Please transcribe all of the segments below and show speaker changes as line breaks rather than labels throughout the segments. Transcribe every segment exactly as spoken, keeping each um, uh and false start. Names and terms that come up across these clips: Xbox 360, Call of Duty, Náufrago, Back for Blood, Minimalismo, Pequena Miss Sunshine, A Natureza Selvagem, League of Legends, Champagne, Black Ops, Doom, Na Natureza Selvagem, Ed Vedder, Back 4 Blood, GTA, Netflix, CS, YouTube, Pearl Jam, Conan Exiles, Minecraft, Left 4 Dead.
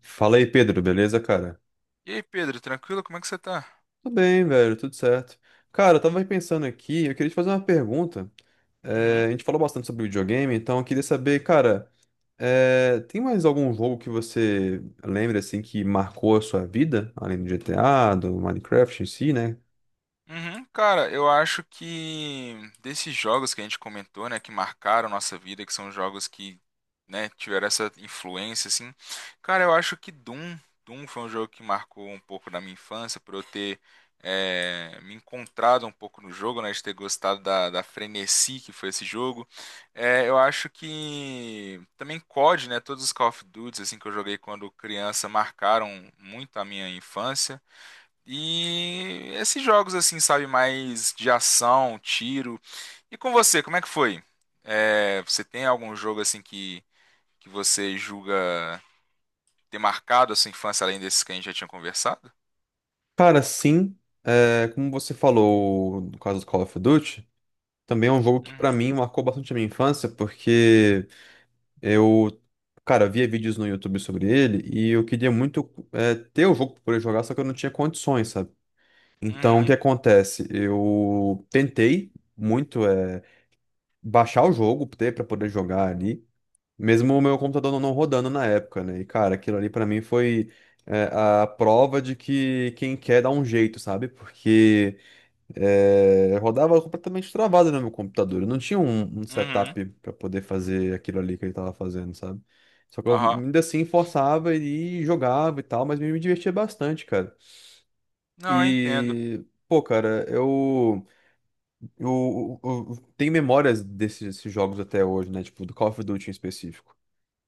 Fala aí, Pedro, beleza, cara?
E aí, Pedro, tranquilo? Como é que você tá?
Tudo bem, velho, tudo certo. Cara, eu tava pensando aqui, eu queria te fazer uma pergunta. Eh,
Uhum.
a gente falou bastante sobre videogame, então eu queria saber, cara, eh, tem mais algum jogo que você lembra, assim, que marcou a sua vida, além do G T A, do Minecraft em si, né?
Uhum. Cara, eu acho que desses jogos que a gente comentou, né, que marcaram nossa vida, que são jogos que, né, tiveram essa influência, assim, cara, eu acho que Doom, Doom foi um jogo que marcou um pouco da minha infância, por eu ter é, me encontrado um pouco no jogo, né, de ter gostado da, da frenesi que foi esse jogo. É, eu acho que também C O D, né, todos os Call of Duty, assim, que eu joguei quando criança, marcaram muito a minha infância. E esses jogos assim, sabe, mais de ação, tiro. E com você, como é que foi? É, você tem algum jogo assim que, que você julga ter marcado a sua infância além desses que a gente já tinha conversado?
Cara, sim, eh, como você falou no caso do Call of Duty, também é um jogo que pra
Uhum,
mim marcou bastante a minha infância, porque. Eu, cara, via vídeos no YouTube sobre ele e eu queria muito é, ter o jogo pra poder jogar, só que eu não tinha condições, sabe? Então, o que
uhum,
acontece? Eu tentei muito é, baixar o jogo ter para poder jogar ali, mesmo o meu computador não não rodando na época, né? E, cara, aquilo ali pra mim foi, é, a prova de que quem quer dá um jeito, sabe? Porque é, rodava completamente travado no meu computador. Eu não tinha um, um
uhum,
setup para poder fazer aquilo ali que ele tava fazendo, sabe? Só que eu
aham.
ainda assim forçava e jogava e tal, mas me me divertia bastante, cara.
Não, eu entendo.
E, pô, cara, eu, eu, eu- eu tenho memórias desses, desses jogos até hoje, né? Tipo, do Call of Duty em específico.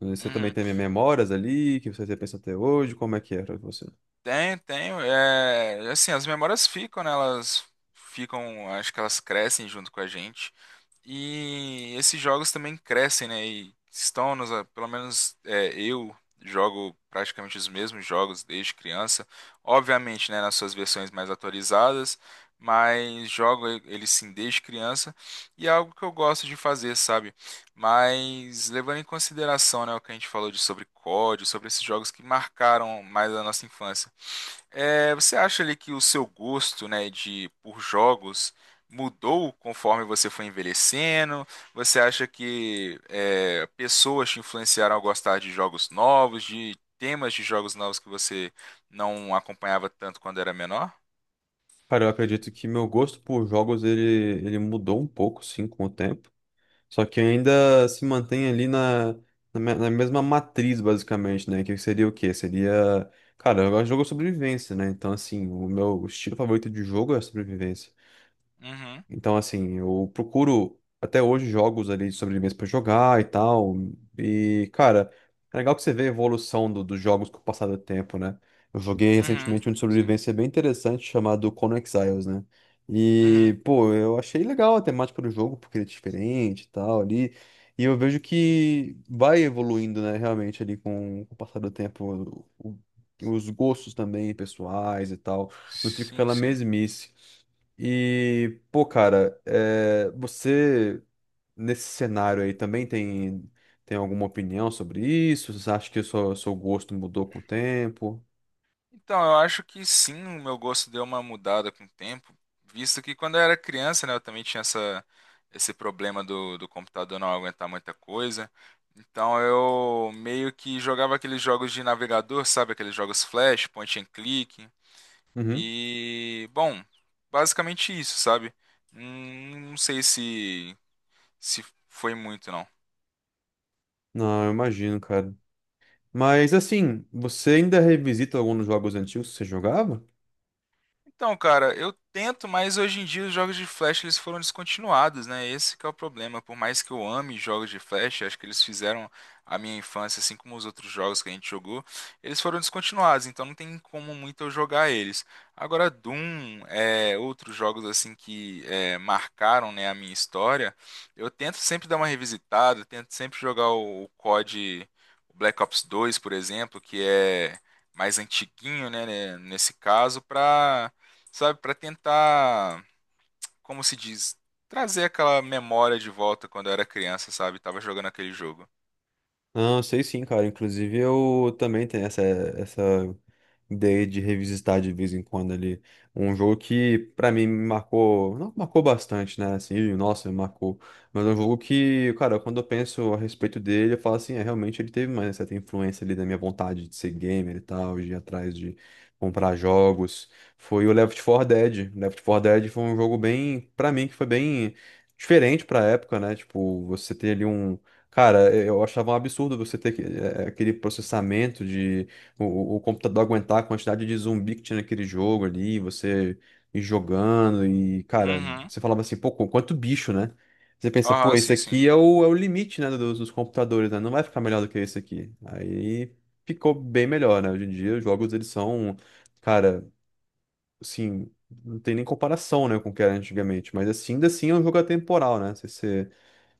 Você também
Uhum.
tem memórias ali, que você pensa até hoje, como é que era você?
Tem, tem, é, assim, as memórias ficam, né? Elas ficam, acho que elas crescem junto com a gente. E esses jogos também crescem, né? E estão nos, pelo menos é, eu jogo praticamente os mesmos jogos desde criança. Obviamente, né, nas suas versões mais atualizadas, mas jogo e- eles sim desde criança e é algo que eu gosto de fazer, sabe? Mas levando em consideração, né, o que a gente falou de sobre C O D, sobre esses jogos que marcaram mais a nossa infância. É, você acha ali que o seu gosto, né, de por jogos mudou conforme você foi envelhecendo? Você acha que é, pessoas te influenciaram a gostar de jogos novos, de temas de jogos novos que você não acompanhava tanto quando era menor?
Cara, eu acredito que meu gosto por jogos, ele, ele mudou um pouco, sim, com o tempo. Só que ainda se mantém ali na, na, me- na mesma matriz, basicamente, né? Que seria o quê? Seria. Cara, eu gosto de jogo de sobrevivência, né? Então, assim, o meu estilo favorito de jogo é a sobrevivência.
Uhum,
Então, assim, eu procuro até hoje jogos ali de sobrevivência pra jogar e tal. E, cara, é legal que você vê a evolução do- dos jogos com o passar do tempo, né? Eu joguei recentemente um de
uhum, sim.
sobrevivência bem interessante chamado Conan Exiles, né?
Uhum,
E, pô, eu achei legal a temática do jogo, porque ele é diferente e tal ali. E eu vejo que vai evoluindo, né, realmente ali com, com o passar do tempo, o- os gostos também pessoais e tal. Não fica
sim,
aquela
sim.
mesmice. E, pô, cara, é, você nesse cenário aí também tem, tem alguma opinião sobre isso? Você acha que o seu, seu gosto mudou com o tempo?
Então, eu acho que sim, o meu gosto deu uma mudada com o tempo, visto que quando eu era criança, né, eu também tinha essa, esse problema do, do computador não aguentar muita coisa. Então, eu meio que jogava aqueles jogos de navegador, sabe? Aqueles jogos flash, point and click.
Uhum.
E, bom, basicamente isso, sabe? Hum, Não sei se, se foi muito, não.
Não, eu imagino, cara. Mas assim, você ainda revisita alguns jogos antigos que você jogava?
Então, cara, eu tento, mas hoje em dia os jogos de Flash eles foram descontinuados, né? Esse que é o problema. Por mais que eu ame jogos de Flash, acho que eles fizeram a minha infância, assim como os outros jogos que a gente jogou, eles foram descontinuados, então não tem como muito eu jogar eles. Agora, Doom, é, outros jogos assim que é, marcaram, né, a minha história, eu tento sempre dar uma revisitada, tento sempre jogar o, o C O D, o Black Ops dois por exemplo, que é mais antiguinho, né, né, nesse caso, pra sabe, para tentar, como se diz, trazer aquela memória de volta quando eu era criança, sabe? Tava jogando aquele jogo.
Não, eu sei sim, cara. Inclusive, eu também tenho essa, essa ideia de revisitar de vez em quando ali. Um jogo que, pra mim, me marcou. Não marcou bastante, né? Assim, nossa, me marcou. Mas é um jogo que, cara, quando eu penso a respeito dele, eu falo assim, é, realmente ele teve uma certa influência ali da minha vontade de ser gamer e tal, de ir atrás de comprar jogos. Foi o Left four Dead. Left four Dead foi um jogo bem, pra mim, que foi bem. Diferente pra época, né? Tipo, você ter ali um... Cara, eu achava um absurdo você ter que- eh, aquele processamento de o, o- o computador aguentar a quantidade de zumbi que tinha naquele jogo ali, você ir jogando e, cara,
Uhum.
você falava assim, pô, qu- quanto bicho, né? Você pensa, pô,
Aham,
esse
sim, sim.
aqui é o, é o limite, né, dos, dos computadores, né? Não vai ficar melhor do que esse aqui. Aí ficou bem melhor, né? Hoje em dia os jogos, eles são, cara, assim, não tem nem comparação, né, com o que era antigamente, mas assim, ainda assim é um jogo atemporal, né? Você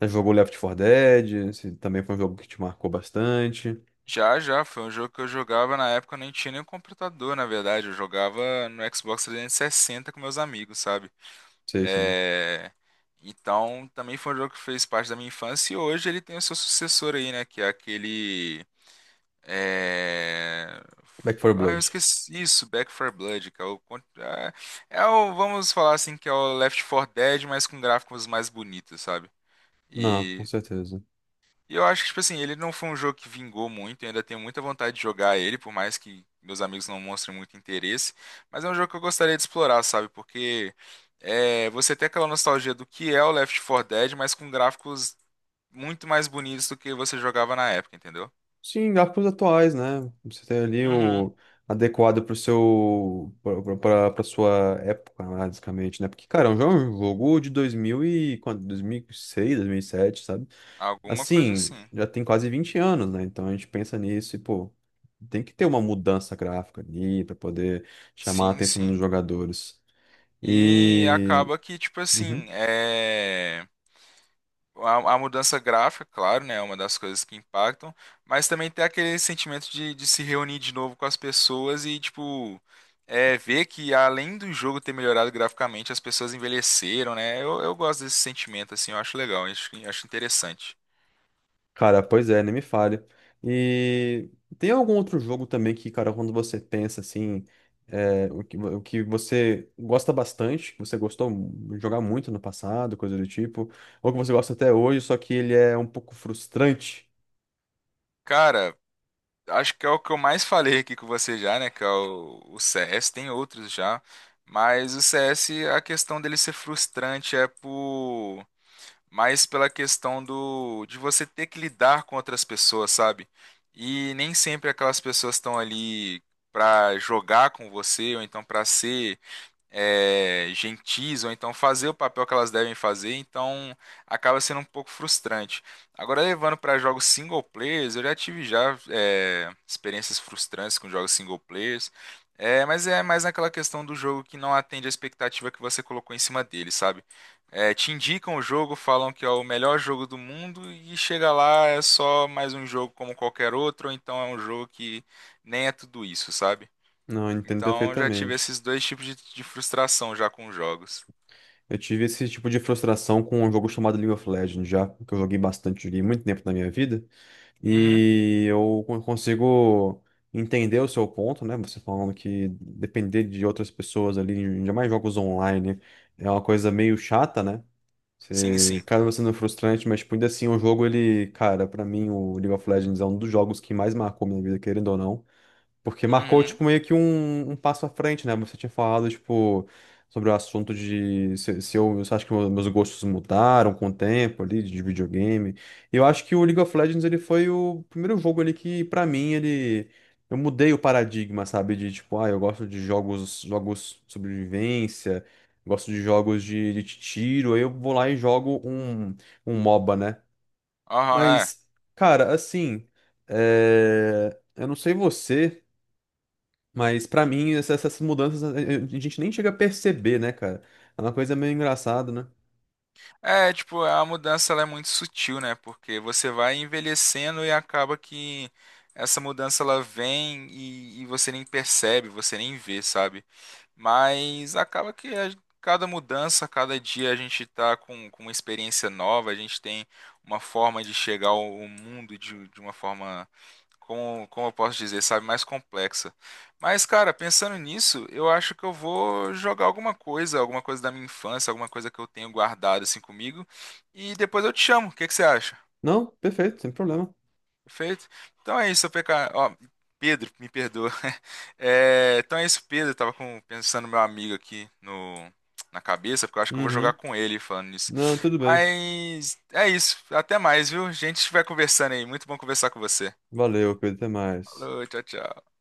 já jogou Left four Dead? Esse também foi um jogo que te marcou bastante.
Já, já, foi um jogo que eu jogava na época, eu nem tinha nenhum computador, na verdade. Eu jogava no Xbox trezentos e sessenta com meus amigos, sabe?
Sei sim.
É... Então, também foi um jogo que fez parte da minha infância e hoje ele tem o seu sucessor aí, né? Que é aquele... É...
Back four
Ah, eu
Blood.
esqueci isso, Back for Blood, que é o... con- ah, é o... Vamos falar assim que é o Left four Dead, mas com gráficos mais bonitos, sabe?
Não, com
E...
certeza.
e eu acho que, tipo assim, ele não foi um jogo que vingou muito, eu ainda tenho muita vontade de jogar ele, por mais que meus amigos não mostrem muito interesse, mas é um jogo que eu gostaria de explorar, sabe? Porque é... você tem aquela nostalgia do que é o Left four Dead, mas com gráficos muito mais bonitos do que você jogava na época, entendeu?
Sim, gráficos atuais, né? Você tem ali
Uhum.
o adequado pro seu pra, pra, pra sua época, né, basicamente, né? Porque, cara, é um jogo um jogo de dois mil e quanto? dois mil e seis, dois mil e sete, sabe?
Alguma coisa
Assim,
assim.
já tem quase vinte anos, né? Então a gente pensa nisso e, pô, tem que ter uma mudança gráfica ali pra poder chamar a
Sim,
atenção dos
sim.
jogadores.
E
E...
acaba que, tipo
Uhum.
assim, é... a, a mudança gráfica, claro, né, é uma das coisas que impactam, mas também tem aquele sentimento de, de se reunir de novo com as pessoas e, tipo, é, ver que além do jogo ter melhorado graficamente, as pessoas envelheceram, né? Eu, eu gosto desse sentimento, assim, eu acho legal, acho, acho interessante.
Cara, pois é, nem me fale. E tem algum outro jogo também que, cara, quando você pensa assim, é, o que, o que você gosta bastante, que você gostou de jogar muito no passado, coisa do tipo, ou que você gosta até hoje, só que ele é um pouco frustrante?
Cara, acho que é o que eu mais falei aqui com você já, né? Que é o, o C S, tem outros já. Mas o C S, a questão dele ser frustrante é por mais pela questão do de você ter que lidar com outras pessoas, sabe? E nem sempre aquelas pessoas estão ali pra jogar com você ou então pra ser é, gentis, ou então fazer o papel que elas devem fazer, então acaba sendo um pouco frustrante. Agora, levando para jogos single players, eu já tive já é, experiências frustrantes com jogos single players, é, mas é mais naquela questão do jogo que não atende a expectativa que você colocou em cima dele, sabe? É, te indicam o jogo, falam que é o melhor jogo do mundo e chega lá é só mais um jogo como qualquer outro, ou então é um jogo que nem é tudo isso, sabe?
Não, eu entendo
Então já tive
perfeitamente.
esses dois tipos de, de frustração já com jogos.
Eu tive esse tipo de frustração com um jogo chamado League of Legends já, que eu joguei bastante, joguei muito tempo na minha vida.
Uhum.
E eu con- consigo entender o seu ponto, né? Você falando que depender de outras pessoas ali, ainda mais jogos online, é uma coisa meio chata, né?
Sim,
Você
sim.
acaba sendo frustrante, mas tipo, ainda assim, o jogo, ele, cara, pra mim, o League of Legends é um dos jogos que mais marcou minha vida, querendo ou não. Porque marcou,
Uhum.
tipo, meio que um, um passo à frente, né? Você tinha falado, tipo, sobre o assunto de se, se eu, você acha que meus meus gostos mudaram com o tempo ali, de videogame. E eu acho que o League of Legends, ele foi o primeiro jogo ali que, pra mim, ele... Eu mudei o paradigma, sabe? De, tipo, ah, eu gosto de jogos, jogos de sobrevivência, gosto de jogos de, de tiro, aí eu vou lá e jogo um, um MOBA, né?
Aham, é.
Mas, cara, assim... É... Eu não sei você... Mas pra mim, essa- essas mudanças a a- a gente nem chega a perceber, né, cara? É uma coisa meio engraçada, né?
É, tipo, a mudança ela é muito sutil, né? Porque você vai envelhecendo e acaba que essa mudança ela vem e, e você nem percebe, você nem vê, sabe? Mas acaba que a- cada mudança, cada dia a gente está com, com uma experiência nova, a gente tem uma forma de chegar ao ao mundo de, de uma forma, como, como eu posso dizer, sabe, mais complexa. Mas, cara, pensando nisso, eu acho que eu vou jogar alguma coisa, alguma coisa da minha infância, alguma coisa que eu tenho guardado assim comigo, e depois eu te chamo. O que que você acha?
Não, perfeito, sem problema.
Perfeito? Então é isso, P K. Ó, Pedro, me perdoa. É, então é isso, Pedro. Eu tava com- pensando no meu amigo aqui no, na cabeça, porque eu acho que eu vou jogar
Uhum.
com ele falando nisso.
Não, tudo bem.
Mas é isso. Até mais, viu? A gente vai conversando aí. Muito bom conversar com você.
Valeu, Pedro, até mais.
Falou, tchau, tchau.